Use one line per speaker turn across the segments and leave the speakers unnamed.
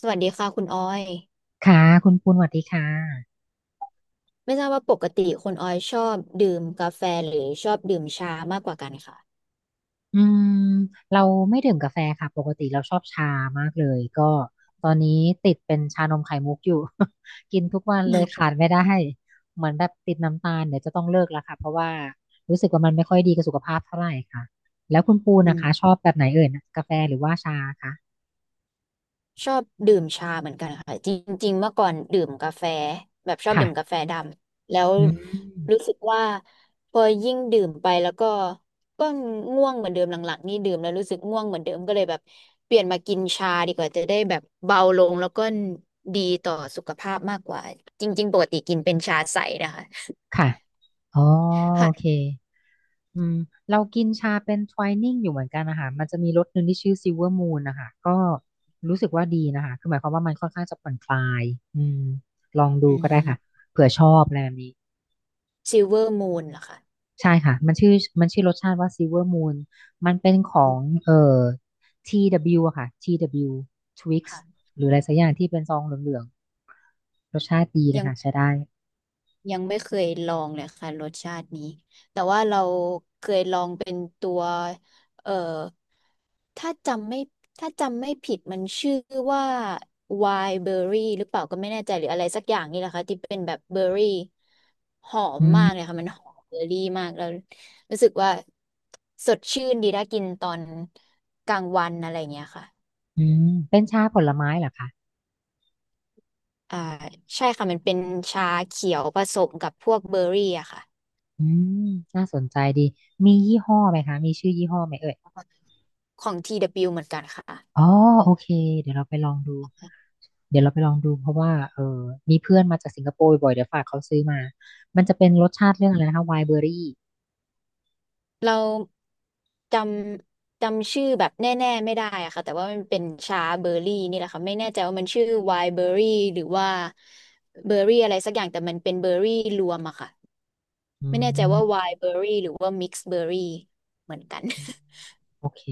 สวัสดีค่ะคุณออย
ค่ะคุณปูนสวัสดีค่ะ
ไม่ทราบว่าปกติคุณออยชอบดื่มกาแฟหรือชอบดื่มชามากกว่ากันค่ะ
อืมเราไม่ดื่มกาแฟค่ะปกติเราชอบชามากเลยก็ตอนนี้ติดเป็นชานมไข่มุกอยู่ กินทุกวันเลยขาดไม่ได้เหมือนแบบติดน้ำตาลเดี๋ยวจะต้องเลิกแล้วค่ะเพราะว่ารู้สึกว่ามันไม่ค่อยดีกับสุขภาพเท่าไหร่ค่ะแล้วคุณปูน
อื
นะคะช
ม
อบแบบไหนเอ่ยนะกาแฟหรือว่าชาคะ
ชอบดื่มชาเหมือนกันค่ะจริงๆเมื่อก่อนดื่มกาแฟแบบชอบ
ค่ะ
ดื่มกาแฟดำแล้ว
อืม
รู้สึกว่าพอยิ่งดื่มไปแล้วก็ก็ง่วงเหมือนเดิมหลังๆนี่ดื่มแล้วรู้สึกง่วงเหมือนเดิมก็เลยแบบเปลี่ยนมากินชาดีกว่าจะได้แบบเบาลงแล้วก็ดีต่อสุขภาพมากกว่าจริงๆปกติกินเป็นชาใสนะคะ
ค่ะอ๋อโอเค
ค่ะ
อืมเรากินชาเป็นท w ายนิ่งอยู่เหมือนกันนะคะมันจะมีรสหนึ่งที่ชื่อซิลเวอร์มูนนะคะก็รู้สึกว่าดีนะคะคือหมายความว่ามันค่อนข้างจะผ่อนคลายอืมลองดู
อื
ก็ได้ค่ะ
ม
เผื่อชอบอะไรแบบนี้
ซิลเวอร์มูนเหรอคะ
ใช่ค่ะมันชื่อรสชาติว่าซิลเวอร์มูนมันเป็นขอ
อื
ง
ม
TW อะค่ะ TW Twix
ค่ะ
หรืออะไรสักอย่างที่เป็นซองเหลืองๆรสชาติดีนะ
ยัง
คะใช้ได้
ยังไม่เคยลองเลยค่ะรสชาตินี้ แต่ว่าเราเคยลองเป็นตัวเอ่อถ้าจำไม่ถ้าจำไม่ผิดมันชื่อว่าไวน์เบอร์รี่หรือเปล่าก็ไม่แน่ใจหรืออะไรสักอย่างนี่แหละค่ะที่เป็นแบบเบอร์รี่หอม
อื
มากเลย
ม
ค่ะมันหอมเบอร์รี่มากแล้วรู้สึกว่าสดชื่นดีถ้ากินตอนกลางวันอะไรอย่างเงี้ยค่ะ
อืมเป็นชาผลไม้เหรอคะ
อ่าใช่ค่ะมันเป็นชาเขียวผสมกับพวกเบอร์รี่อะค่ะ
อืมน่าสนใจดีมียี่ห้อไหมคะมีชื่อยี่ห้อไหมเอ่ย
ของท TW เบิลยูเหมือนกันค่ะ
อ๋อโอเคเดี๋ยวเราไปลองดูเดี๋ยวเราไปลองดูเพราะว่าเออมีเพื่อนมาจากสิงคโปร์บ่อยเดี๋ยวฝากเขาซื้อมามันจะเป็นรสชาติเรื่องอะไรนะคะไวน์เบอรี่
เราจจำชื่อแบบแน่ๆไม่ได้อะค่ะแต่ว่ามันเป็นชาเบอร์รี่นี่แหละค่ะไม่แน่ใจว่ามันชื่อไวน์เบอร์รี่หรือว่าเบอร์รี่อะไรสักอย่างแต่มันเป็นเบอร์รี่รวมอะค่ะ
อื
ไม่แน่ใจว่าไว
ม
น์เบอร์รี่หรือว่ามิกซ์เบอร์รี่เหมือนกัน
โอเค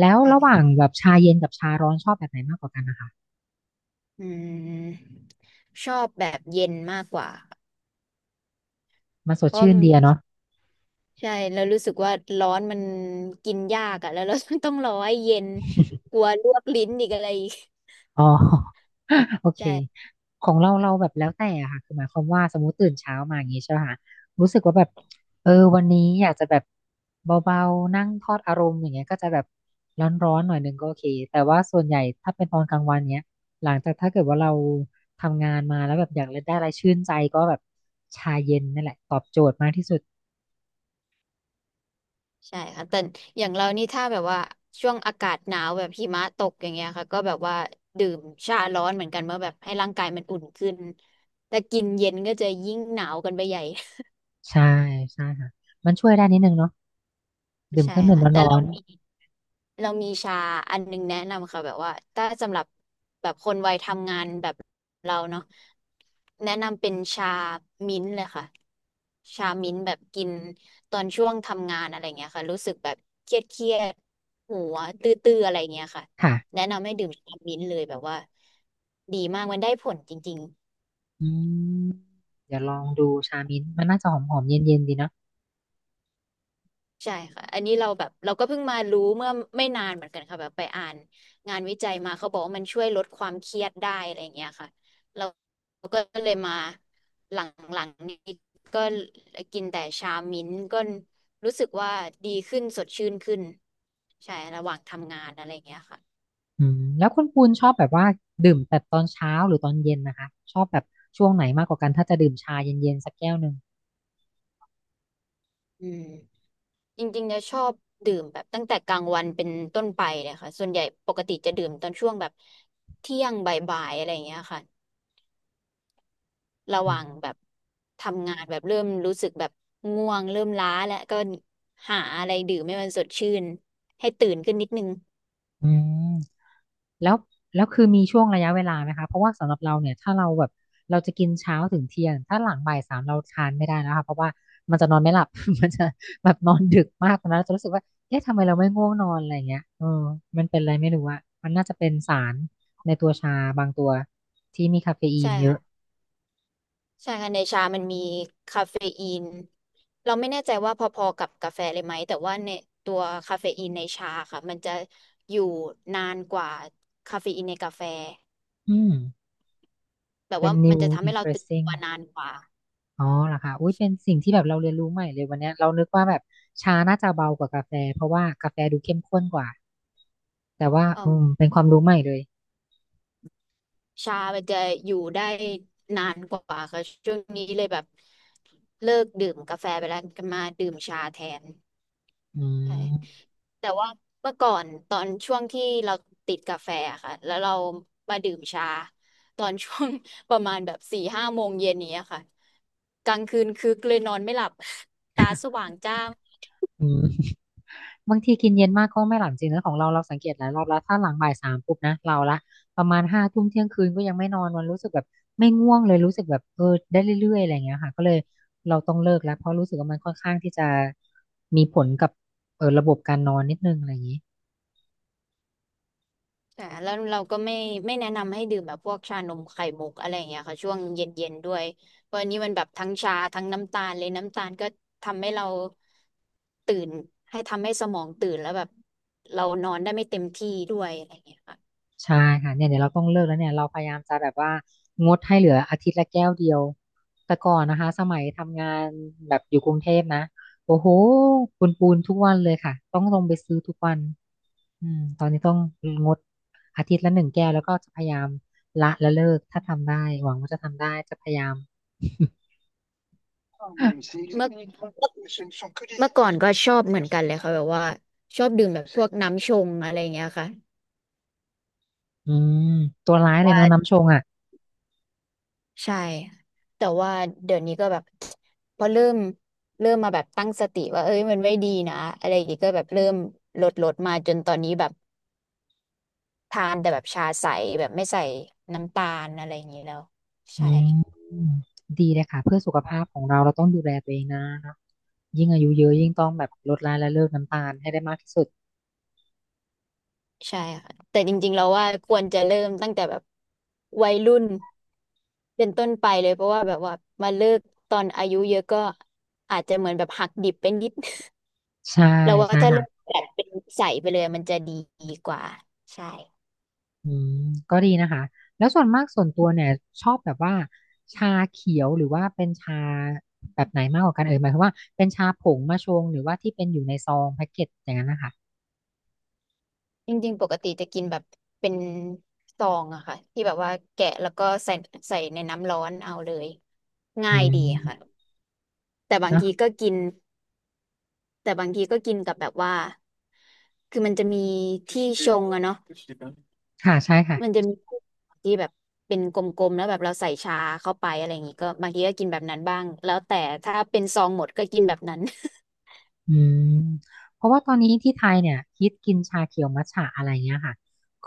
แล้ว
ใช่
ระหว่างแบบชาเย็นกับชาร้อนชอบแบบไหนมากกว่ากันนะคะ
อืมชอบแบบเย็นมากกว่า
มันส
เพ
ด
ราะ
ชื่นดีอะเนาะ
ใช่แล้วรู้สึกว่าร้อนมันกินยากอะแล้วเราต้องรอให้เย็น กลัวลวกลิ้นอีกอะไรอีก
อ๋อ โอเค
ใช่
ของเราเราแบบแล้วแต่อะค่ะคือหมายความว่าสมมติตื่นเช้ามาอย่างงี้ใช่ไหมคะรู้สึกว่าแบบเออวันนี้อยากจะแบบเบาๆนั่งทอดอารมณ์อย่างเงี้ยก็จะแบบร้อนๆหน่อยนึงก็โอเคแต่ว่าส่วนใหญ่ถ้าเป็นตอนกลางวันเนี้ยหลังจากถ้าเกิดว่าเราทำงานมาแล้วแบบอยากได้อะไรชื่นใจก็แบบชาเย็นนั่นแหละตอบโจทย์มากที่สุด
ใช่ค่ะแต่อย่างเรานี่ถ้าแบบว่า ช่วงอากาศหนาว แบบหิมะตกอย่างเงี้ยค่ะก็แบบว่า ดื่มชาร้อนเหมือนกันเมื่อแบบให้ร่างกายมันอุ่นขึ้น แต่กินเย็นก็จะยิ่งหนาวกันไปใหญ่
ใช่ใช่ค่ะมันช่วยได้นิดนึงเนาะดื่มเค
ใช่
รื่องดื่ม
ค่ะแต่
ร้อ
เรา
น
มีเรามีชาอันนึงแนะนำค่ะแบบว่าถ้าสำหรับแบบคนวัยทำงานแบบเราเนาะแนะนำเป็นชามิ้นท์เลยค่ะชามิ้นท์แบบกินตอนช่วงทำงานอะไรเงี้ยค่ะรู้สึกแบบเครียดหัวตื้อๆอะไรเงี้ยค่ะ
ๆค่ะ
แนะนำให้ดื่มชามิ้นท์เลยแบบว่าดีมากมันได้ผลจริง
อืมเดี๋ยวลองดูชามิ้นท์มันน่าจะหอมหอมเย็นเย็นๆดีนะ
ใช่ค่ะอันนี้เราแบบเราก็เพิ่งมารู้เมื่อไม่นานเหมือนกันค่ะแบบไปอ่านงานวิจัยมาเขาบอกว่ามันช่วยลดความเครียดได้อะไรอย่างเงี้ยค่ะเราก็เลยมาหลังๆนี้ก็กินแต่ชามิ้นท์ก็รู้สึกว่าดีขึ้นสดชื่นขึ้นใช่ระหว่างทำงานอะไรอย่างเงี้ยค่ะ
แล้วคุณปูนชอบแบบว่าดื่มแต่ตอนเช้าหรือตอนเย็นนะคะชอบแบบช่วงไหนมากกว่ากันถ้าจะดื่มชาเย็นเย็นสักแก้วหนึ่ง
อืมจริงๆจะชอบดื่มแบบตั้งแต่กลางวันเป็นต้นไปเลยค่ะส่วนใหญ่ปกติจะดื่มตอนช่วงแบบเที่ยงบ่ายๆอะไรอย่างเงี้ยค่ะ ระห
อื
ว่าง
ม
แบบทำงานแบบเริ่มรู้สึกแบบง่วงเริ่มล้าแล้วก็หาอะไรดื่มให้มันสดชื่นให้ตื่นขึ้นนิดนึง
อืม แล้วแล้วคือมีช่วงระยะเวลาไหมคะเพราะว่าสำหรับเราเนี่ยถ้าเราแบบเราจะกินเช้าถึงเที่ยงถ้าหลังบ่ายสามเราทานไม่ได้แล้วค่ะเพราะว่ามันจะนอนไม่หลับ มันจะแบบนอนดึกมากตอนนั้นเราจะรู้สึกว่าเอ๊ะทำไมเราไม่ง่วงนอนอะไรอย่างเงี้ยเออมันเป็นอะไรไม่รู้อะมันน่าจะเป็นสารในตัวชาบางตัวที่มีคาเฟอี
ใช่
นเยอะ
ค่ะใช่ค่ะในชามันมีคาเฟอีนเราไม่แน่ใจว่าพอๆกับกาแฟเลยไหมแต่ว่าในตัวคาเฟอีนในชาค่ะมันจะอยู่นานกว่าคาเฟอีนในกาแฟ
อืม
แบบ
เป็น
ว่ามัน
new
จะทำให้เราตื่น
interesting
ตัวนานกว่า
อ๋อเหรอคะอุ้ยเป็นสิ่งที่แบบเราเรียนรู้ใหม่เลยวันเนี้ยเรานึกว่าแบบชาน่าจะเบากว่ากาแฟเพราะว่ากาแฟดูเข้มข้นกว่าแต่ว่า
อืม
เป็นความรู้ใหม่เลย
ชามันจะอยู่ได้นานกว่าค่ะช่วงนี้เลยแบบเลิกดื่มกาแฟไปแล้วก็มาดื่มชาแทน
อื
ใช่
ม
แต่ว่าเมื่อก่อนตอนช่วงที่เราติดกาแฟอะค่ะแล้วเรามาดื่มชาตอนช่วง ประมาณแบบ4-5 โมงเย็นนี้ยค่ะกลางคืนคึกเลยนอนไม่หลับ ตาสว่างจ้า
อืมบางทีกินเย็นมากก็ไม่หลับจริงนะของเราเราสังเกตหลายรอบแล้วถ้าหลังบ่ายสามปุ๊บนะเราละประมาณห้าทุ่มเที่ยงคืนก็ยังไม่นอนมันรู้สึกแบบไม่ง่วงเลยรู้สึกแบบเออได้เรื่อยๆอะไรอย่างเงี้ยค่ะก็เลยเราต้องเลิกแล้วเพราะรู้สึกว่ามันค่อนข้างที่จะมีผลกับเออระบบการนอนนิดนึงอะไรอย่างนี้
แต่แล้วเราก็ไม่แนะนำให้ดื่มแบบพวกชานมไข่มุกอะไรอย่างเงี้ยค่ะช่วงเย็นๆด้วยเพราะอันนี้มันแบบทั้งชาทั้งน้ำตาลเลยน้ำตาลก็ทำให้เราตื่นให้ทำให้สมองตื่นแล้วแบบเรานอนได้ไม่เต็มที่ด้วยอะไรอย่างเงี้ยค่ะ
ใช่ค่ะเนี่ยเดี๋ยวเราต้องเลิกแล้วเนี่ยเราพยายามจะแบบว่างดให้เหลืออาทิตย์ละแก้วเดียวแต่ก่อนนะคะสมัยทำงานแบบอยู่กรุงเทพนะโอ้โหปูนปูนทุกวันเลยค่ะต้องลงไปซื้อทุกวันตอนนี้ต้องงดอาทิตย์ละหนึ่งแก้วแล้วก็จะพยายามละและเลิกถ้าทำได้หวังว่าจะทำได้จะพยายาม
เ มื่อเมื่อก่อนก็ชอบเหมือนกันเลยค่ะแบบว่าชอบดื่มแบบพวกน้ำชงอะไรอย่างเงี้ยค่ะ
อืมตัวร้ายเลยเนาะน้ำชงอ่ะ
ใช่แต่ว่าเดี๋ยวนี้ก็แบบ พอเริ่มมาแบบตั้งสติว่าเอ้ยมันไม่ดีนะอะไรอย่างงี้ก็แบบเริ่มลดมาจนตอนนี้แบบทานแต่แบบชาใสแบบไม่ใส่น้ำตาลอะไรอย่างงี้แล้ว
อื
ใช่
มดีเลยค่ะเพื่อสุขภาพของเราเราต้องดูแลตัวเองนะ ยิ่งอายุเยอะยิ่งต้องแบบลดละและเลิกน้ำตาลให้ได้มากที่สุด
ใช่ค่ะแต่จริงๆเราว่าควรจะเริ่มตั้งแต่แบบวัยรุ่นเป็นต้นไปเลยเพราะว่าแบบว่ามาเลิกตอนอายุเยอะก็อาจจะเหมือนแบบหักดิบเป็นนิด
ใช่
เราว่า
ใช่
ถ้า
ค่ะ
เลิกแบบเป็นใสไปเลยมันจะดีกว่าใช่
อืมก็ดีนะคะแล้วส่วนมากส่วนตัวเนี่ยชอบแบบว่าชาเขียวหรือว่าเป็นชาแบบไหนมากกว่ากันเอ่ยหมายความว่าเป็นชาผงมาชงหรือว่าที่เป็นอยู่ในซองแพ็กเกจอย่างนั้นนะคะ
จริงๆปกติจะกินแบบเป็นซองอะค่ะที่แบบว่าแกะแล้วก็ใส่ในน้ำร้อนเอาเลย
อื
ง่ายดี
ม
ค่ะแต่บาง
เนาะ
ทีก็กินแต่บางทีก็กินกับแบบว่าคือมันจะมีที่ชงอะเนาะ
ค่ะใช่ค่ะ
มันจะมีที่แบบเป็นกลมๆแล้วแบบเราใส่ชาเข้าไปอะไรอย่างงี้ก็บางทีก็กินแบบนั้นบ้างแล้วแต่ถ้าเป็นซองหมดก็กินแบบนั้น
อืมเพราะว่าตอนนี้ที่ไทยเนี่ยฮิตกินชาเขียวมัทฉะอะไรเงี้ยค่ะ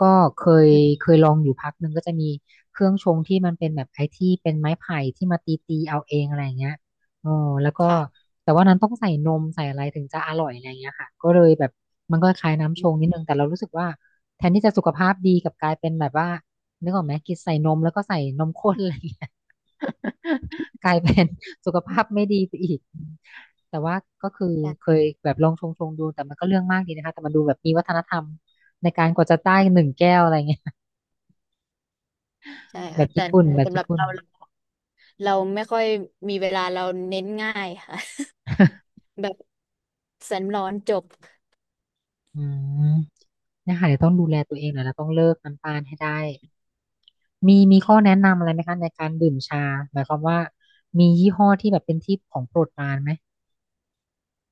ก็เคยลองอยู่พักหนึ่งก็จะมีเครื่องชงที่มันเป็นแบบไอ้ที่เป็นไม้ไผ่ที่มาตีเอาเองอะไรเงี้ยอ๋อแล้วก็
ค่ะ
แต่ว่านั้นต้องใส่นมใส่อะไรถึงจะอร่อยอะไรเงี้ยค่ะก็เลยแบบมันก็คล้ายน้ำชงนิดนึงแต่เรารู้สึกว่าแทนที่จะสุขภาพดีกลับกลายเป็นแบบว่านึกออกไหมกินใส่นมแล้วก็ใส่นมข้นอะไรเงี้ย กลายเป็นสุขภาพไม่ดีไปอีก แต่ว่าก็คือเค
ใช่
ยแบบลองชงดูแต่มันก็เรื่องมากดีนะคะแต่มันดูแบบมีวัฒนธรรมในการกว่าจะได้หนึ่งแก้วอะไรเงี้ย
ใช่
แบ
ค่ะ
บ
แต่
ญี่ปุ่นแบมบ
สำห
ญี่
รับ
ปุ่น
เราเราไม่ค่อยมีเวลาเราเน้นง่ายค่ะ แบบแสนร้อนจบ
อืมเนยคะเดี๋ยวต้องดูแลตัวเองหน่อยแล้วต้องเลิกน้ำตาลให้ได้มีข้อแนะนำอะไรไหมคะในการดื่มชาหมายความว่ามียี่ห้อที่แบบเป็นที่ของโปรดปรานไหม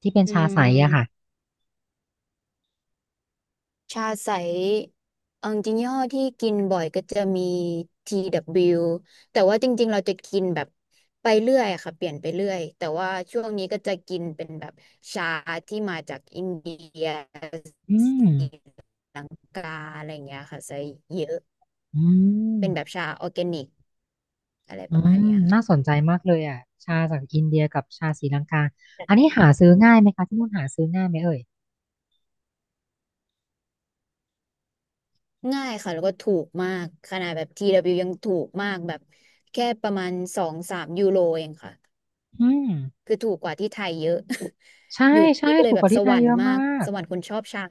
ที่เป็น
อื
ชาใสอะค่ะ
มชาใสเอาจริงๆยี่ห้อที่กินบ่อยก็จะมี TW แต่ว่าจริงๆเราจะกินแบบไปเรื่อยอะค่ะเปลี่ยนไปเรื่อยแต่ว่าช่วงนี้ก็จะกินเป็นแบบชาที่มาจากอินเดีย
อืม
สีกาอะไรอย่างเงี้ยค่ะใส่เยอะ
อื
เป็นแบบ
ม
ชาออร์แกนิกอะไร
อื
ประมาณ
ม
เนี้ยค่ะ
น่าสนใจมากเลยอะชาจากอินเดียกับชาศรีลังกาอันนี้หาซื้อง่ายไหมคะที่นู่นหาซื้อง่ายไหมเอ่ย
ง่ายค่ะแล้วก็ถูกมากขนาดแบบ TW ยยังถูกมากแบบแค่ประมาณ2-3 ยูโรเองค่ะ
อืม
คือถูกกว่าที่ไทยเยอะ
ใช่
อยู่ที่
ใช่
นี่ก็เล
ถู
ย
ก
แบ
ก
บ
ว่า
ส
ที่ไท
วร
ย
ร
เย
ค์
อะ
มา
มา
ก
ก
สวรรค์คนชอบชา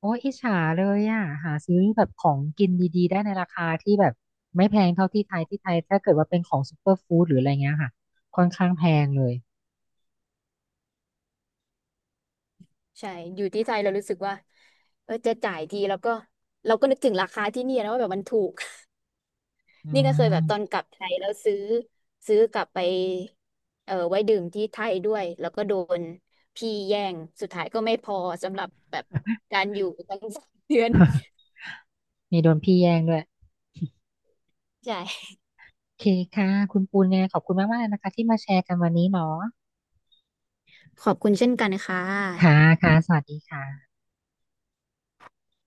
โอ้ยอิจฉาเลยอ่ะหาซื้อแบบของกินดีๆได้ในราคาที่แบบไม่แพงเท่าที่ไทยที่ไทยถ้าเกิดว่าเป็นของซูเปอร์ฟู้ดหรืออะไรเงี้ยค่ะค่อนข้างแพงเลย
ใช่อยู่ที่ไทยเรารู้สึกว่าเออจะจ่ายทีแล้วก็เราก็นึกถึงราคาที่เนี่ยนะว่าแบบมันถูก
อื
นี่ก็เคยแบบตอน
ม
กลับไทยแล้วซื้อซื้อกลับไปเออไว้ดื่มที่ไทยด้วยแล้วก็โดนพี่แย่ง สุดท้ายก็ไม่พอสำหรับแบบการอยู่ตั้ง 3 เดือน
มีโดนพี่แย่งด้วย
ใช่
โอเคค่ะคุณปูนยังไงขอบคุณมากๆเลยนะคะที่มาแชร์กันวันนี้เนาะ
ขอบคุณเช่นกันค่
ค่ะ
ะ
ค่ะสวัสดีค่ะ